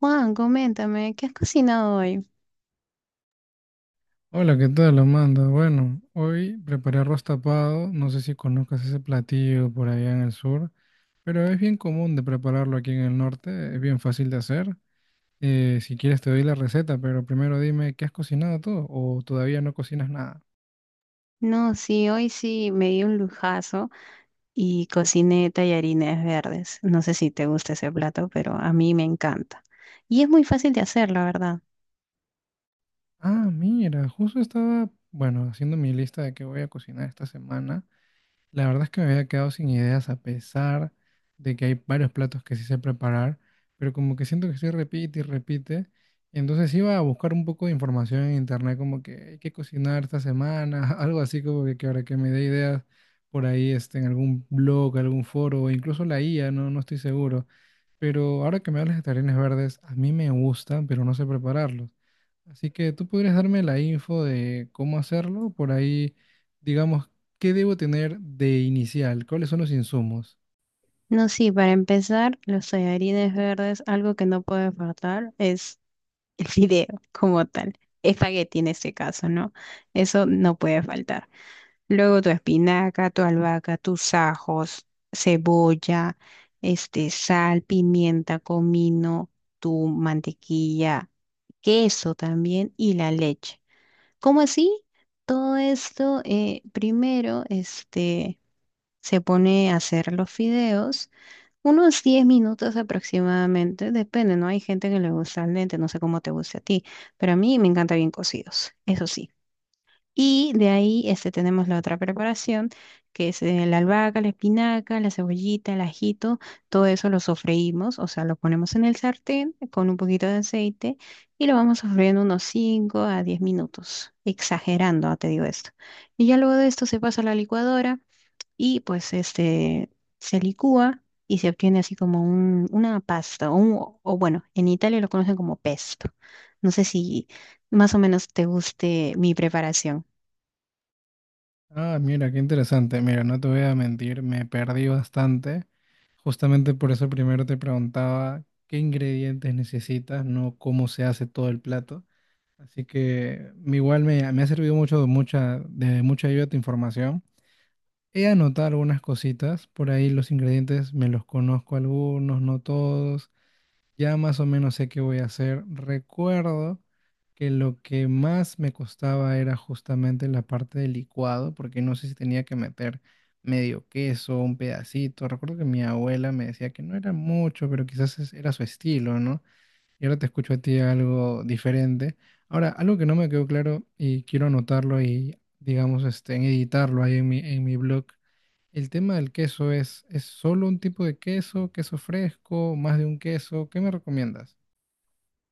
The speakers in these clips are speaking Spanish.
Juan, coméntame, ¿qué has cocinado hoy? Hola, ¿qué tal, Amanda? Bueno, hoy preparé arroz tapado. No sé si conozcas ese platillo por allá en el sur, pero es bien común de prepararlo aquí en el norte. Es bien fácil de hacer. Si quieres te doy la receta, pero primero dime, ¿qué has cocinado tú? ¿O todavía no cocinas nada? No, sí, hoy sí me di un lujazo y cociné tallarines verdes. No sé si te gusta ese plato, pero a mí me encanta. Y es muy fácil de hacer, la verdad. Ah, mira, justo estaba, bueno, haciendo mi lista de qué voy a cocinar esta semana. La verdad es que me había quedado sin ideas a pesar de que hay varios platos que sí sé preparar, pero como que siento que sí repite y repite. Y entonces iba a buscar un poco de información en internet, como que hay que cocinar esta semana, algo así como que ahora que me dé ideas por ahí en algún blog, algún foro, o incluso la IA, no, no estoy seguro. Pero ahora que me hablas de tarines verdes, a mí me gustan, pero no sé prepararlos. Así que tú podrías darme la info de cómo hacerlo, por ahí, digamos, ¿qué debo tener de inicial? ¿Cuáles son los insumos? No, sí, para empezar, los tallarines verdes, algo que no puede faltar es el fideo como tal. Espagueti en este caso, ¿no? Eso no puede faltar. Luego tu espinaca, tu albahaca, tus ajos, cebolla, sal, pimienta, comino, tu mantequilla, queso también y la leche. ¿Cómo así? Todo esto primero se pone a hacer los fideos, unos 10 minutos aproximadamente, depende, ¿no? Hay gente que le gusta al dente, no sé cómo te guste a ti, pero a mí me encanta bien cocidos, eso sí. Y de ahí tenemos la otra preparación, que es la albahaca, la espinaca, la cebollita, el ajito, todo eso lo sofreímos, o sea, lo ponemos en el sartén con un poquito de aceite y lo vamos sofriendo unos 5 a 10 minutos, exagerando, te digo esto. Y ya luego de esto se pasa a la licuadora y pues se licúa y se obtiene así como una pasta, o, o bueno, en Italia lo conocen como pesto. No sé si más o menos te guste mi preparación. Ah, mira, qué interesante. Mira, no te voy a mentir, me perdí bastante. Justamente por eso primero te preguntaba qué ingredientes necesitas, no cómo se hace todo el plato. Así que me ha servido mucho de mucha ayuda tu información. He anotado algunas cositas, por ahí los ingredientes me los conozco algunos, no todos. Ya más o menos sé qué voy a hacer. Recuerdo que lo que más me costaba era justamente la parte del licuado, porque no sé si tenía que meter medio queso, un pedacito. Recuerdo que mi abuela me decía que no era mucho, pero quizás era su estilo, ¿no? Y ahora te escucho a ti algo diferente. Ahora, algo que no me quedó claro y quiero anotarlo y, digamos, en editarlo ahí en mi blog. El tema del queso ¿es solo un tipo de queso, queso fresco, más de un queso? ¿Qué me recomiendas?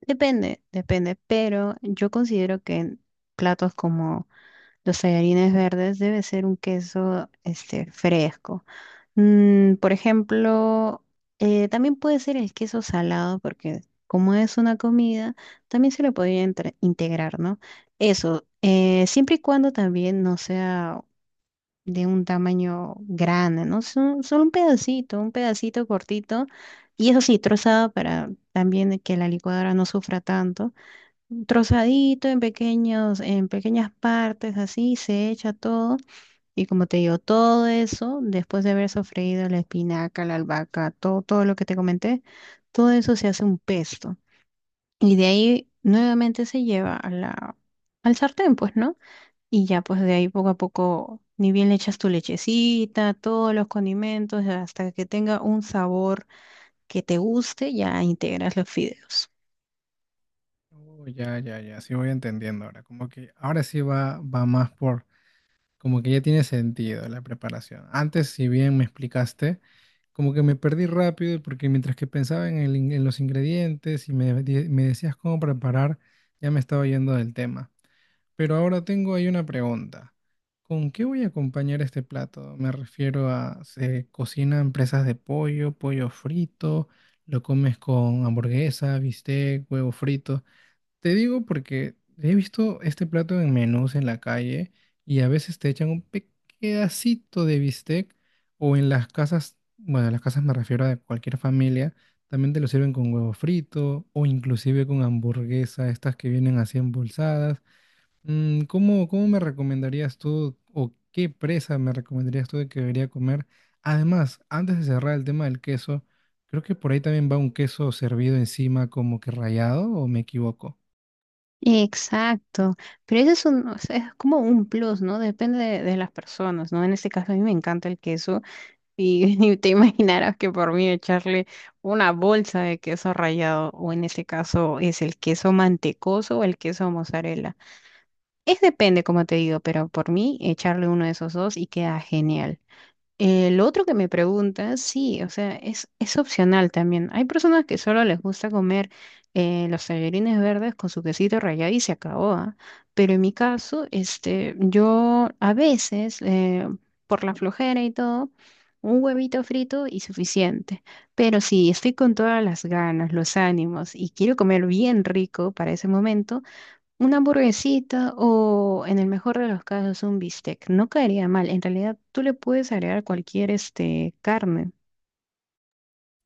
Depende, depende, pero yo considero que en platos como los tallarines verdes debe ser un queso fresco. Por ejemplo, también puede ser el queso salado porque como es una comida, también se le podría integrar, ¿no? Eso, siempre y cuando también no sea de un tamaño grande, ¿no? Solo un pedacito cortito y eso sí, trozado para también que la licuadora no sufra tanto trozadito en pequeñas partes, así se echa todo. Y como te digo, todo eso, después de haber sofreído la espinaca, la albahaca, todo, todo lo que te comenté, todo eso se hace un pesto. Y de ahí nuevamente se lleva a al sartén, pues, ¿no? Y ya, pues de ahí poco a poco, ni bien le echas tu lechecita, todos los condimentos, hasta que tenga un sabor que te guste, ya integras los fideos. Oh, ya, ya, ya, sí voy entendiendo ahora. Como que ahora sí va más por, como que ya tiene sentido la preparación. Antes, si bien me explicaste, como que me perdí rápido porque mientras que pensaba en, en los ingredientes y me decías cómo preparar, ya me estaba yendo del tema. Pero ahora tengo ahí una pregunta. ¿Con qué voy a acompañar este plato? Me refiero a, se cocinan presas de pollo, pollo frito, lo comes con hamburguesa, bistec, huevo frito. Te digo porque he visto este plato en menús en la calle y a veces te echan un pedacito de bistec o en las casas, bueno, en las casas me refiero a cualquier familia, también te lo sirven con huevo frito o inclusive con hamburguesa, estas que vienen así embolsadas. Cómo me recomendarías tú o qué presa me recomendarías tú de que debería comer? Además, antes de cerrar el tema del queso, creo que por ahí también va un queso servido encima como que rallado o me equivoco. Exacto, pero ese es o sea, es como un plus, ¿no? Depende de las personas, ¿no? En este caso a mí me encanta el queso y, y te imaginarás que por mí echarle una bolsa de queso rallado o en este caso es el queso mantecoso o el queso mozzarella. Es depende, como te digo, pero por mí echarle uno de esos dos y queda genial. El otro que me pregunta, sí, o sea, es opcional también. Hay personas que solo les gusta comer los tallarines verdes con su quesito rallado y se acabó, ¿ah? Pero en mi caso, yo a veces, por la flojera y todo, un huevito frito y suficiente. Pero si estoy con todas las ganas, los ánimos y quiero comer bien rico para ese momento, una hamburguesita o, en el mejor de los casos, un bistec. No caería mal. En realidad, tú le puedes agregar cualquier carne.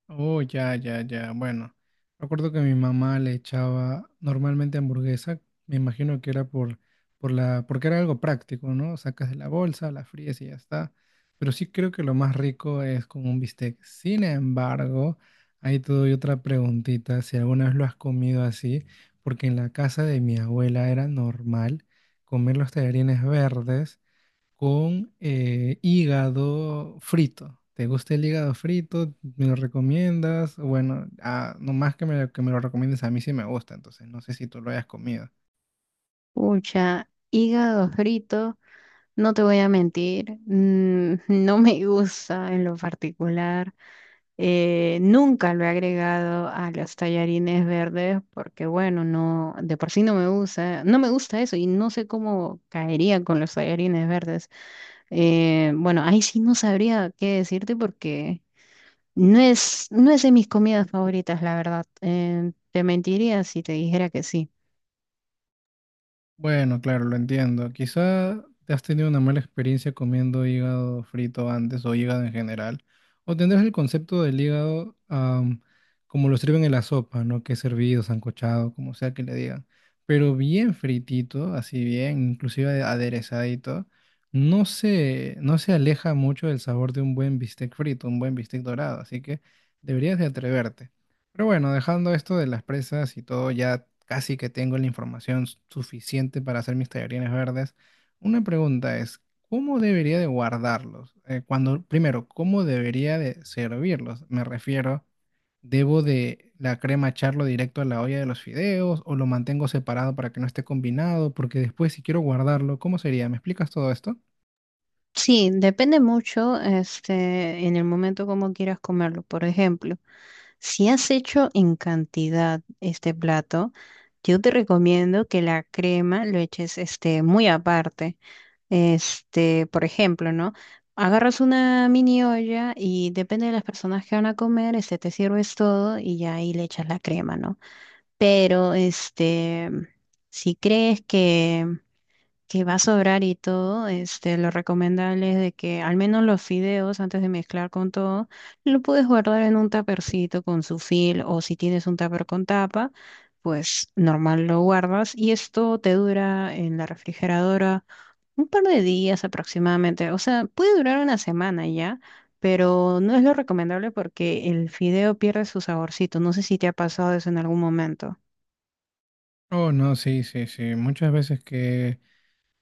Oh, ya, ya, ya. Bueno, recuerdo que mi mamá le echaba normalmente hamburguesa. Me imagino que era porque era algo práctico, ¿no? Sacas de la bolsa, la fríes y ya está. Pero sí creo que lo más rico es con un bistec. Sin embargo, ahí te doy otra preguntita, si alguna vez lo has comido así, porque en la casa de mi abuela era normal comer los tallarines verdes con hígado frito. ¿Te gusta el hígado frito? ¿Me lo recomiendas? Bueno, ah, nomás que me lo recomiendes, a mí sí me gusta, entonces no sé si tú lo hayas comido. Pucha, hígado frito, no te voy a mentir, no me gusta en lo particular. Nunca lo he agregado a los tallarines verdes porque, bueno, no, de por sí no me gusta, no me gusta eso y no sé cómo caería con los tallarines verdes. Bueno, ahí sí no sabría qué decirte porque... No es de mis comidas favoritas, la verdad. Te mentiría si te dijera que sí. Bueno, claro, lo entiendo. Quizá te has tenido una mala experiencia comiendo hígado frito antes o hígado en general. O tendrás el concepto del hígado como lo sirven en la sopa, ¿no? Que es hervido, sancochado, como sea que le digan. Pero bien fritito, así bien, inclusive aderezadito, no se aleja mucho del sabor de un buen bistec frito, un buen bistec dorado. Así que deberías de atreverte. Pero bueno, dejando esto de las presas y todo, ya casi que tengo la información suficiente para hacer mis tallarines verdes. Una pregunta es, ¿cómo debería de guardarlos? Cuando, primero, ¿cómo debería de servirlos? Me refiero, ¿debo de la crema echarlo directo a la olla de los fideos o lo mantengo separado para que no esté combinado? Porque después si quiero guardarlo, ¿cómo sería? ¿Me explicas todo esto? Sí, depende mucho, en el momento como quieras comerlo. Por ejemplo, si has hecho en cantidad este plato, yo te recomiendo que la crema lo eches, muy aparte. Por ejemplo, ¿no? Agarras una mini olla y depende de las personas que van a comer, te sirves todo y ya ahí le echas la crema, ¿no? Pero si crees que va a sobrar y todo, lo recomendable es de que al menos los fideos, antes de mezclar con todo, lo puedes guardar en un tapercito con su fil o si tienes un tupper con tapa, pues normal lo guardas y esto te dura en la refrigeradora un par de días aproximadamente. O sea, puede durar una semana ya. Pero no es lo recomendable porque el fideo pierde su saborcito. No sé si te ha pasado eso en algún momento. Oh, no, sí, sí, sí. Muchas veces que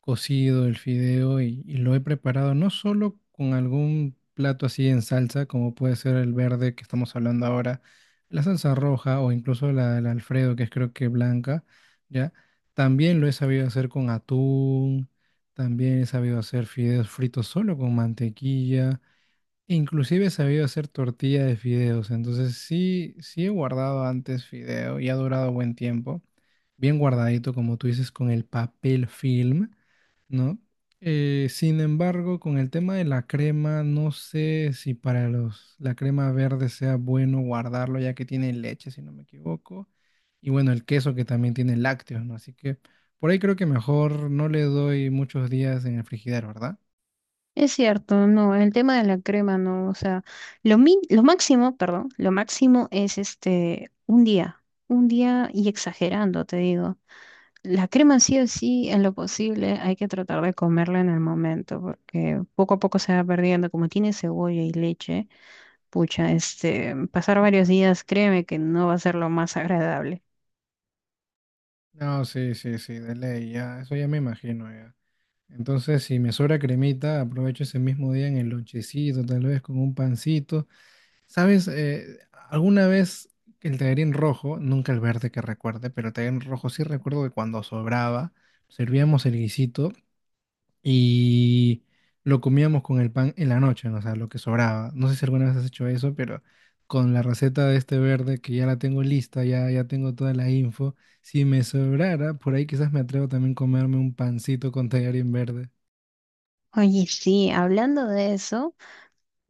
cocido el fideo y lo he preparado no solo con algún plato así en salsa, como puede ser el verde que estamos hablando ahora, la salsa roja o incluso la Alfredo, que es creo que blanca, ¿ya? También lo he sabido hacer con atún, también he sabido hacer fideos fritos solo con mantequilla, e inclusive he sabido hacer tortilla de fideos, entonces sí, sí he guardado antes fideo y ha durado buen tiempo, bien guardadito como tú dices con el papel film. ¿No? Sin embargo, con el tema de la crema, no sé si para la crema verde sea bueno guardarlo, ya que tiene leche, si no me equivoco. Y bueno, el queso que también tiene lácteos, ¿no? Así que por ahí creo que mejor no le doy muchos días en el frigidero, ¿verdad? Es cierto, no, el tema de la crema, no, o sea, lo máximo, perdón, lo máximo es un día y exagerando, te digo. La crema sí o sí, en lo posible, hay que tratar de comerla en el momento, porque poco a poco se va perdiendo, como tiene cebolla y leche, pucha, pasar varios días, créeme que no va a ser lo más agradable. No, sí, sí, sí, de ley, ya, eso ya me imagino, ya. Entonces, si me sobra cremita, aprovecho ese mismo día en el lonchecito, tal vez con un pancito. ¿Sabes? Alguna vez el tallarín rojo, nunca el verde que recuerde, pero el tallarín rojo sí recuerdo que cuando sobraba, servíamos el guisito y lo comíamos con el pan en la noche, ¿no? O sea, lo que sobraba. No sé si alguna vez has hecho eso, pero con la receta de este verde que ya la tengo lista, ya, ya tengo toda la info, si me sobrara, por ahí quizás me atrevo también a comerme un pancito con tallarín verde. Oye, sí, hablando de eso.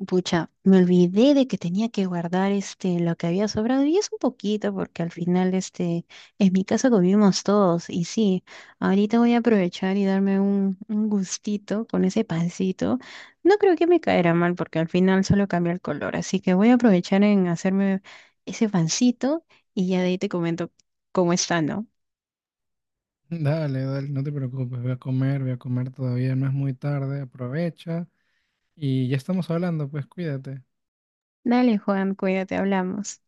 Pucha, me olvidé de que tenía que guardar lo que había sobrado y es un poquito porque al final en mi casa comimos todos y sí, ahorita voy a aprovechar y darme un gustito con ese pancito. No creo que me caerá mal porque al final solo cambia el color, así que voy a aprovechar en hacerme ese pancito y ya de ahí te comento cómo está, ¿no? Dale, dale, no te preocupes, voy a comer todavía, no es muy tarde, aprovecha. Y ya estamos hablando, pues cuídate. Dale, Juan, cuídate, hablamos.